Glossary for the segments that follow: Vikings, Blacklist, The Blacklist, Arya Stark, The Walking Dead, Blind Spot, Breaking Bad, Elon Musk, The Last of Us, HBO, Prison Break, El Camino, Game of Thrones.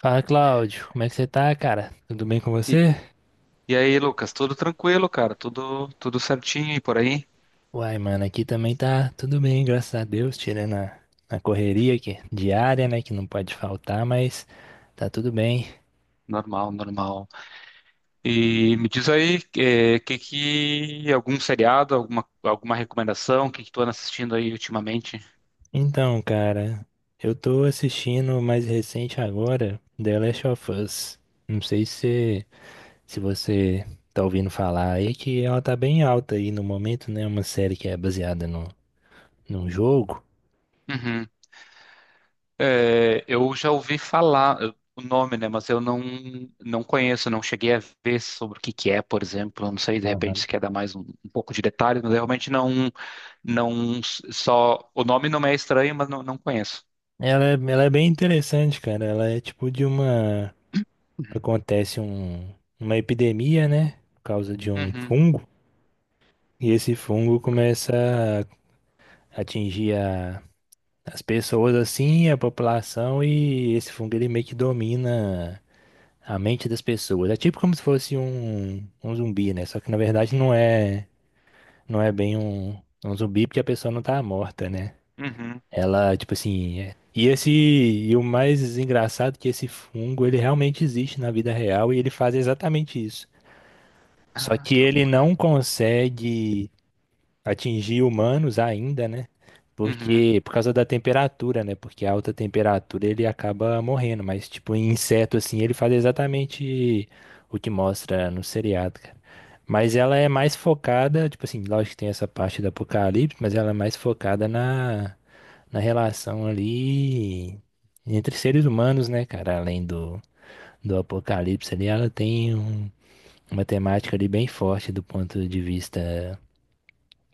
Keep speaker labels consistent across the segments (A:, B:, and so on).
A: Fala, Cláudio. Como é que você tá, cara? Tudo bem com
B: E,
A: você?
B: e aí, Lucas, tudo tranquilo, cara? Tudo certinho e por aí?
A: Uai, mano, aqui também tá tudo bem, graças a Deus, tirando a correria aqui, diária, né, que não pode faltar, mas tá tudo bem.
B: Normal, normal. E me diz aí, que algum seriado, alguma recomendação, o que que tu anda assistindo aí ultimamente?
A: Então, cara, eu tô assistindo o mais recente agora, The Last of Us. Não sei se você tá ouvindo falar aí, que ela tá bem alta aí no momento, né, uma série que é baseada no, num jogo.
B: Uhum. É, eu já ouvi falar o nome, né? Mas eu não, não conheço, não cheguei a ver sobre o que que é, por exemplo. Eu não sei, de repente,
A: Aham.
B: se quer dar mais um pouco de detalhes, mas eu realmente não s- só o nome não me é estranho, mas não conheço.
A: Ela, ela é bem interessante, cara. Ela é tipo de uma acontece um, uma epidemia, né? Por causa de um
B: Uhum,
A: fungo. E esse fungo começa a atingir as pessoas assim, a população, e esse fungo ele meio que domina a mente das pessoas. É tipo como se fosse um zumbi, né? Só que na verdade não é bem um zumbi porque a pessoa não tá morta, né?
B: uhum.
A: Ela, tipo assim. E esse, e o mais engraçado é que esse fungo, ele realmente existe na vida real e ele faz exatamente isso. Só
B: Ah,
A: que
B: que
A: ele
B: loucura.
A: não consegue atingir humanos ainda, né?
B: Uhum.
A: Porque por causa da temperatura, né? Porque a alta temperatura ele acaba morrendo, mas tipo em inseto assim, ele faz exatamente o que mostra no seriado, cara. Mas ela é mais focada, tipo assim, lógico que tem essa parte do apocalipse, mas ela é mais focada na relação ali entre seres humanos, né, cara? Além do apocalipse ali, ela tem uma temática ali bem forte do ponto de vista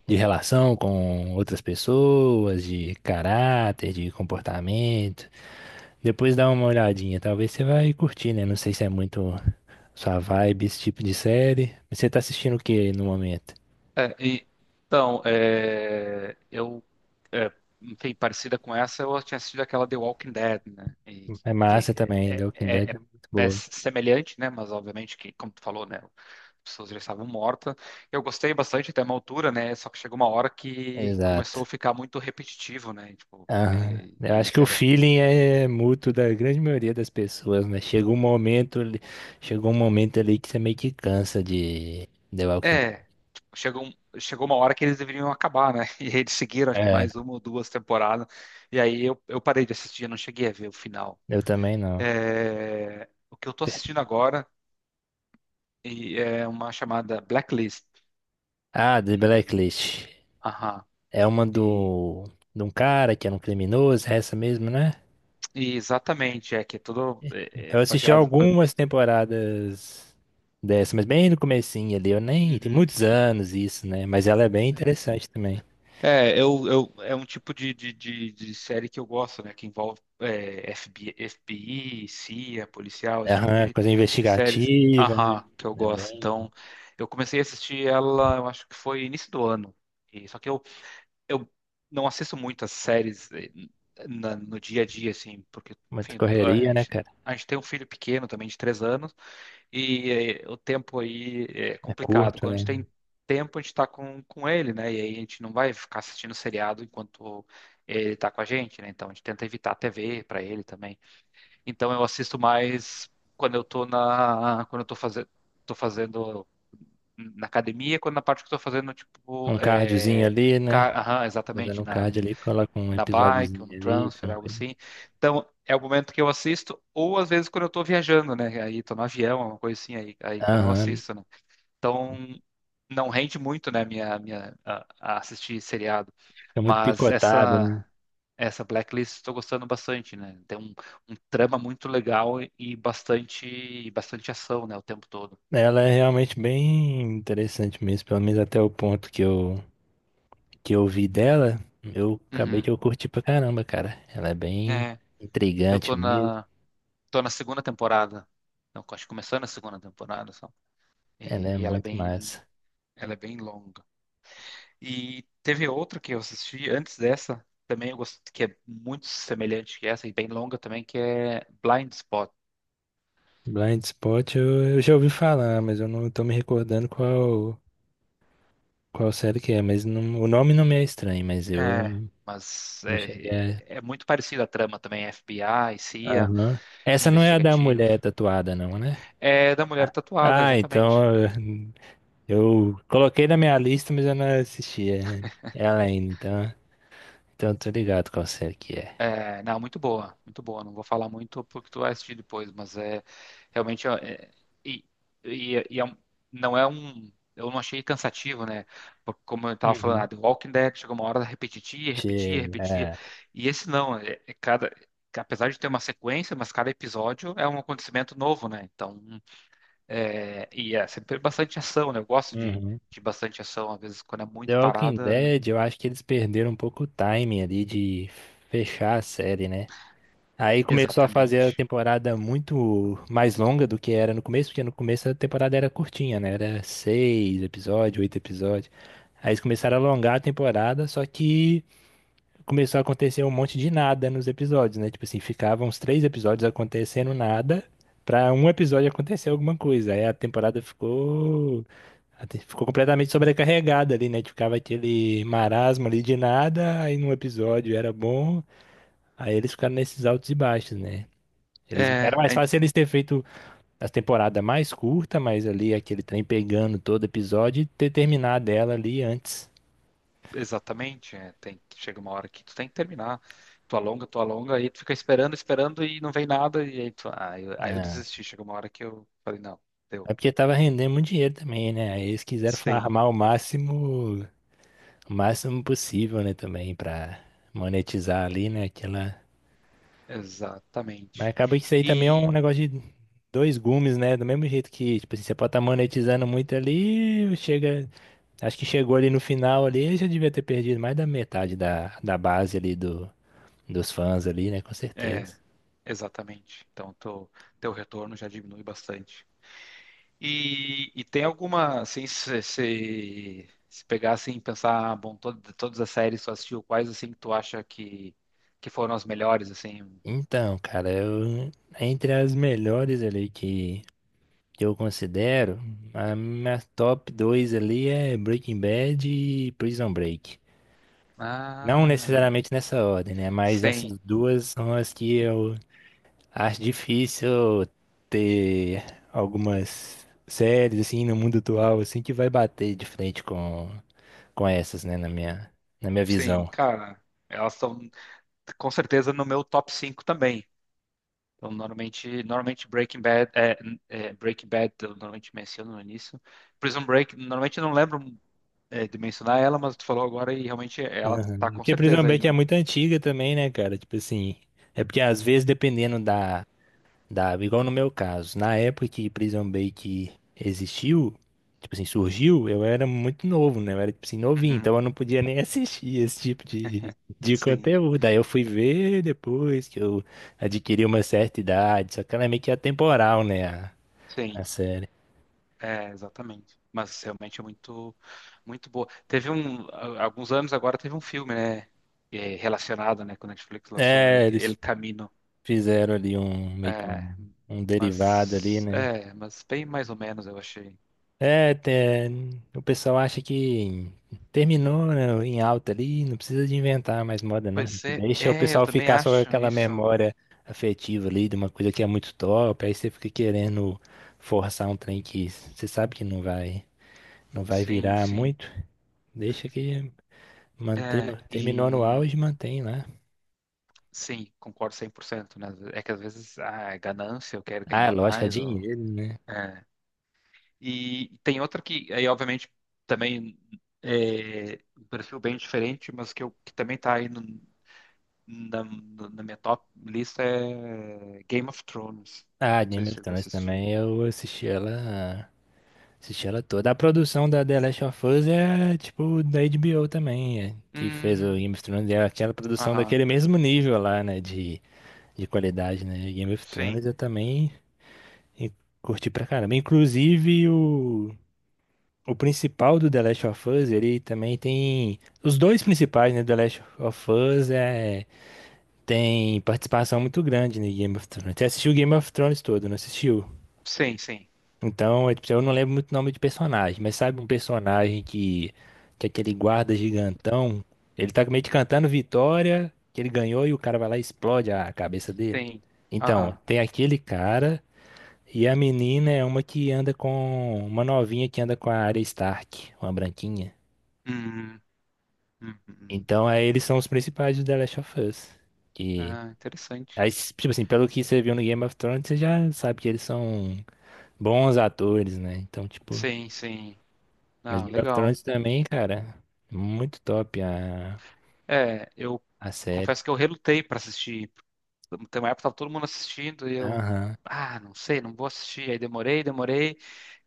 A: de relação com outras pessoas, de caráter, de comportamento. Depois dá uma olhadinha, talvez você vai curtir, né? Não sei se é muito sua vibe esse tipo de série. Mas você tá assistindo o que no momento?
B: É, e- então, é, enfim, parecida com essa, eu tinha assistido aquela The Walking Dead, né? E
A: É
B: que
A: massa também, The
B: é,
A: Walking
B: é,
A: Dead
B: é,
A: é muito
B: é
A: boa.
B: semelhante, né? Mas obviamente que, como tu falou, né? As pessoas já estavam mortas. Eu gostei bastante até uma altura, né? Só que chegou uma hora que
A: Exato.
B: começou a ficar muito repetitivo, né? Tipo,
A: Aham.
B: e,
A: Eu
B: e
A: acho que o feeling é mútuo da grande maioria das pessoas, né? Chega um momento, chegou um momento ali que você meio que cansa de The Walking
B: É, tipo, chegou uma hora que eles deveriam acabar, né? E eles seguiram, acho que
A: Dead.
B: mais uma ou duas temporadas. E aí eu parei de assistir, eu não cheguei a ver o final.
A: Eu também não.
B: É, o que eu tô
A: Per-
B: assistindo agora e é uma chamada Blacklist.
A: Ah, The
B: E,
A: Blacklist.
B: aham,
A: É uma
B: e,
A: do de um cara que era um criminoso, é essa mesmo, né?
B: exatamente, é que é tudo é
A: Eu assisti
B: baseado. Pra,
A: algumas temporadas dessa, mas bem no comecinho ali, eu nem tem
B: uhum.
A: muitos anos isso, né? Mas ela é bem interessante também.
B: É, é um tipo de série que eu gosto, né? Que envolve FBI, CIA, policial, esse tipo
A: Aham, coisa
B: de séries.
A: investigativa, né?
B: Aham, que eu
A: É
B: gosto.
A: bem
B: Então, eu comecei a assistir ela, eu acho que foi início do ano. E, só que eu não assisto muitas séries no dia a dia, assim, porque,
A: muita
B: enfim,
A: correria, né, cara?
B: a gente tem um filho pequeno também, de três anos. E o tempo aí é
A: É
B: complicado.
A: curto,
B: Quando a
A: né?
B: gente tem tempo, a gente está com ele, né? E aí a gente não vai ficar assistindo seriado enquanto ele está com a gente, né? Então a gente tenta evitar a TV para ele também. Então eu assisto mais quando eu tô fazendo na academia, quando na parte que eu tô fazendo,
A: Um cardiozinho ali, né?
B: ca- aham,
A: Fazendo
B: exatamente,
A: um
B: na,
A: cardio ali, coloca um
B: na bike ou
A: episódiozinho
B: no
A: ali,
B: transfer, algo
A: tranquilo.
B: assim. Então, é o momento que eu assisto, ou às vezes quando eu tô viajando, né? Aí tô no avião, uma coisa assim, aí quando eu
A: Aham,
B: assisto, né? Então, não rende muito, né, a assistir seriado.
A: fica muito
B: Mas
A: picotado, né?
B: essa Blacklist estou gostando bastante, né? Tem um trama muito legal e bastante ação, né, o tempo todo.
A: Ela é realmente bem interessante mesmo, pelo menos até o ponto que eu vi dela, eu acabei
B: Uhum.
A: que eu curti pra caramba, cara. Ela é bem
B: É, eu
A: intrigante
B: tô
A: mesmo,
B: na, tô na segunda temporada. Não, acho que começando a segunda temporada só.
A: ela é
B: E ela é
A: muito
B: bem,
A: massa.
B: ela é bem longa. E teve outra que eu assisti antes dessa, também eu gosto, que é muito semelhante que essa e bem longa também, que é Blind Spot.
A: Blind Spot eu já ouvi falar, mas eu não tô me recordando qual série que é, mas o nome não me é estranho, mas
B: É,
A: eu
B: mas
A: não cheguei a...
B: é muito parecida a trama também, FBI, CIA,
A: Aham. Essa não é a da
B: investigativo.
A: mulher tatuada não, né?
B: É da mulher tatuada,
A: Ah,
B: exatamente.
A: então eu coloquei na minha lista, mas eu não assisti, é, é ela então... Então, eu tô ligado qual série que é.
B: É, não, muito boa, muito boa. Não vou falar muito porque tu vai assistir depois, mas é realmente é, e, e, é, e é um- não é um, eu não achei cansativo, né? Porque como eu estava falando,
A: Uhum.
B: ah, The Walking Dead chegou uma hora repetia, repetia,
A: Chega,
B: repetia.
A: é.
B: E esse não, apesar de ter uma sequência, mas cada episódio é um acontecimento novo, né? Então, e é sempre bastante ação, né? Eu gosto
A: Uhum.
B: de bastante ação, às vezes quando é
A: The
B: muito
A: Walking
B: parada,
A: Dead, eu acho que eles perderam um pouco o timing ali de fechar a série, né? Aí começou a fazer a
B: exatamente.
A: temporada muito mais longa do que era no começo, porque no começo a temporada era curtinha, né? Era seis episódios, oito episódios. Aí eles começaram a alongar a temporada, só que começou a acontecer um monte de nada nos episódios, né? Tipo assim, ficavam uns três episódios acontecendo nada, pra um episódio acontecer alguma coisa. Aí a temporada ficou ficou completamente sobrecarregada ali, né? Tipo, ficava aquele marasmo ali de nada, aí num episódio era bom, aí eles ficaram nesses altos e baixos, né? Eles, era
B: É,
A: mais fácil eles ter feito as temporadas mais curtas, mas ali aquele trem pegando todo episódio e ter terminado ela ali antes.
B: exatamente, é, tem chega uma hora que tu tem que terminar. Tu alonga, aí tu fica esperando, esperando e não vem nada, e aí aí eu
A: Né?
B: desisti. Chega uma hora que eu falei, não, deu.
A: É porque tava rendendo muito dinheiro também, né? Aí eles quiseram
B: Sim,
A: farmar o máximo possível, né? Também pra monetizar ali, né? Aquela... Mas
B: exatamente.
A: acaba que isso aí também é
B: E
A: um negócio de dois gumes, né? Do mesmo jeito que, tipo assim, você pode estar monetizando muito ali, chega. Acho que chegou ali no final ali, já devia ter perdido mais da metade da base ali dos fãs ali, né? Com certeza.
B: é, exatamente. Então teu retorno já diminui bastante. E tem alguma, assim, se pegar assim, e pensar, ah, bom, de todas as séries que tu assistiu, quais assim que tu acha que foram as melhores, assim?
A: Então, cara, eu, entre as melhores ali que eu considero, a minha top 2 ali é Breaking Bad e Prison Break. Não
B: Ah,
A: necessariamente nessa ordem, né? Mas
B: sim.
A: essas duas são as que eu acho difícil ter algumas séries assim no mundo atual assim que vai bater de frente com essas, né, na minha
B: Sim,
A: visão.
B: cara, elas estão com certeza no meu top 5 também. Então, normalmente Breaking Bad, Breaking Bad, eu normalmente menciono no início. Prison Break, normalmente eu não lembro de mencionar ela, mas tu falou agora e realmente ela tá com
A: Porque Prison
B: certeza aí
A: Break é
B: no.
A: muito antiga também, né, cara? Tipo assim, é porque às vezes dependendo da Dava, igual no meu caso. Na época que Prison Break existiu, tipo assim, surgiu, eu era muito novo, né? Eu era, tipo assim, novinho,
B: Uhum,
A: então eu não podia nem assistir esse tipo de
B: sim,
A: conteúdo. Aí eu fui ver depois que eu adquiri uma certa idade, só que ela é meio que atemporal, né?
B: sim,
A: A série.
B: é, exatamente. Mas realmente é muito, muito boa. Teve alguns anos agora teve um filme, né, relacionado, né, com a Netflix lançou
A: É, eles
B: El Camino.
A: fizeram ali
B: É,
A: um derivado ali, né?
B: é, mas bem mais ou menos eu achei.
A: É, o pessoal acha que terminou, né, em alta ali, não precisa de inventar mais moda, não. A
B: Pois
A: gente
B: é,
A: deixa o
B: é, eu
A: pessoal
B: também
A: ficar só com
B: acho
A: aquela
B: isso.
A: memória afetiva ali de uma coisa que é muito top, aí você fica querendo forçar um trem que você sabe que não vai
B: Sim,
A: virar
B: sim.
A: muito. Deixa que manter
B: É,
A: no- terminou no
B: e
A: auge, mantém lá.
B: sim, concordo 100%, né? É que às vezes ah, é ganância, eu quero
A: Ah,
B: ganhar
A: lógico, é
B: mais ou
A: dinheiro, né?
B: é. E tem outra que aí obviamente também é um perfil bem diferente, mas que eu que também tá aí na minha top lista é Game of Thrones.
A: Ah,
B: Não sei
A: Game
B: se
A: of
B: chegou a
A: Thrones
B: assistir.
A: também, eu assisti ela. Assisti ela toda. A produção da The Last of Us é tipo da HBO também, é, que fez o
B: Hum,
A: Game of Thrones. É aquela produção
B: aham.
A: daquele mesmo nível lá, né? De qualidade, né? Game of
B: Sim,
A: Thrones eu também e- curti pra caramba. Inclusive o principal do The Last of Us, ele também tem. Os dois principais, né? The Last of Us é, tem participação muito grande no Game of Thrones. Você assistiu o Game of Thrones todo, não assistiu?
B: sim, sim,
A: Então, é, tipo, eu não lembro muito o nome de personagem, mas sabe um personagem que é aquele guarda gigantão, ele tá meio que cantando vitória, que ele ganhou e o cara vai lá e explode a cabeça dele.
B: sim.
A: Então,
B: Aham.
A: tem aquele cara e a menina é uma que anda com uma novinha que anda com a Arya Stark, uma branquinha.
B: Hum, hum, hum.
A: Então, aí eles são os principais do The Last of Us. Que,
B: Ah, interessante.
A: aí, tipo assim, pelo que você viu no Game of Thrones, você já sabe que eles são bons atores, né? Então, tipo,
B: Sim, sim.
A: mas
B: Ah,
A: Game of
B: legal.
A: Thrones também, cara. Muito top
B: É, eu
A: a série.
B: confesso que eu relutei para assistir. Tem uma época que tava todo mundo assistindo e eu,
A: Aham.
B: ah, não sei, não vou assistir. Aí demorei, demorei.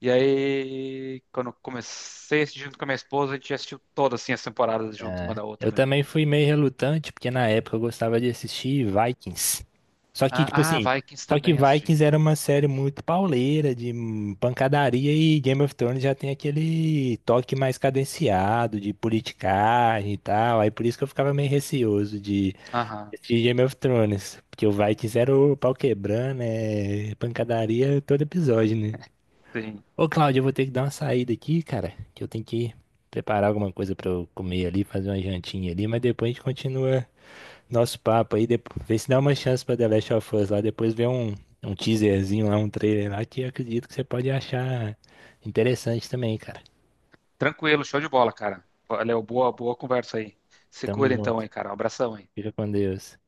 B: E aí, quando eu comecei a assistir junto com a minha esposa, a gente já assistiu todas assim, as temporadas junto uma da
A: Eu
B: outra, né?
A: também fui meio relutante, porque na época eu gostava de assistir Vikings. Só que,
B: Ah,
A: tipo
B: ah,
A: assim,
B: Vikings
A: só que
B: também assisti.
A: Vikings era uma série muito pauleira, de pancadaria, e Game of Thrones já tem aquele toque mais cadenciado, de politicagem e tal. Aí por isso que eu ficava meio receoso de
B: Aham,
A: assistir Game of Thrones. Porque o Vikings era o pau quebrando, é pancadaria todo episódio, né?
B: sim.
A: Ô, Cláudio, eu vou ter que dar uma saída aqui, cara, que eu tenho que preparar alguma coisa pra eu comer ali, fazer uma jantinha ali, mas depois a gente continua nosso papo aí, depois, vê se dá uma chance pra The Last of Us lá, depois vê um teaserzinho lá, um trailer lá, que eu acredito que você pode achar interessante também, cara.
B: Tranquilo, show de bola, cara. Léo, boa, boa conversa aí. Se
A: Tamo
B: cuida então
A: junto.
B: aí, cara. Um abração aí.
A: Fica com Deus.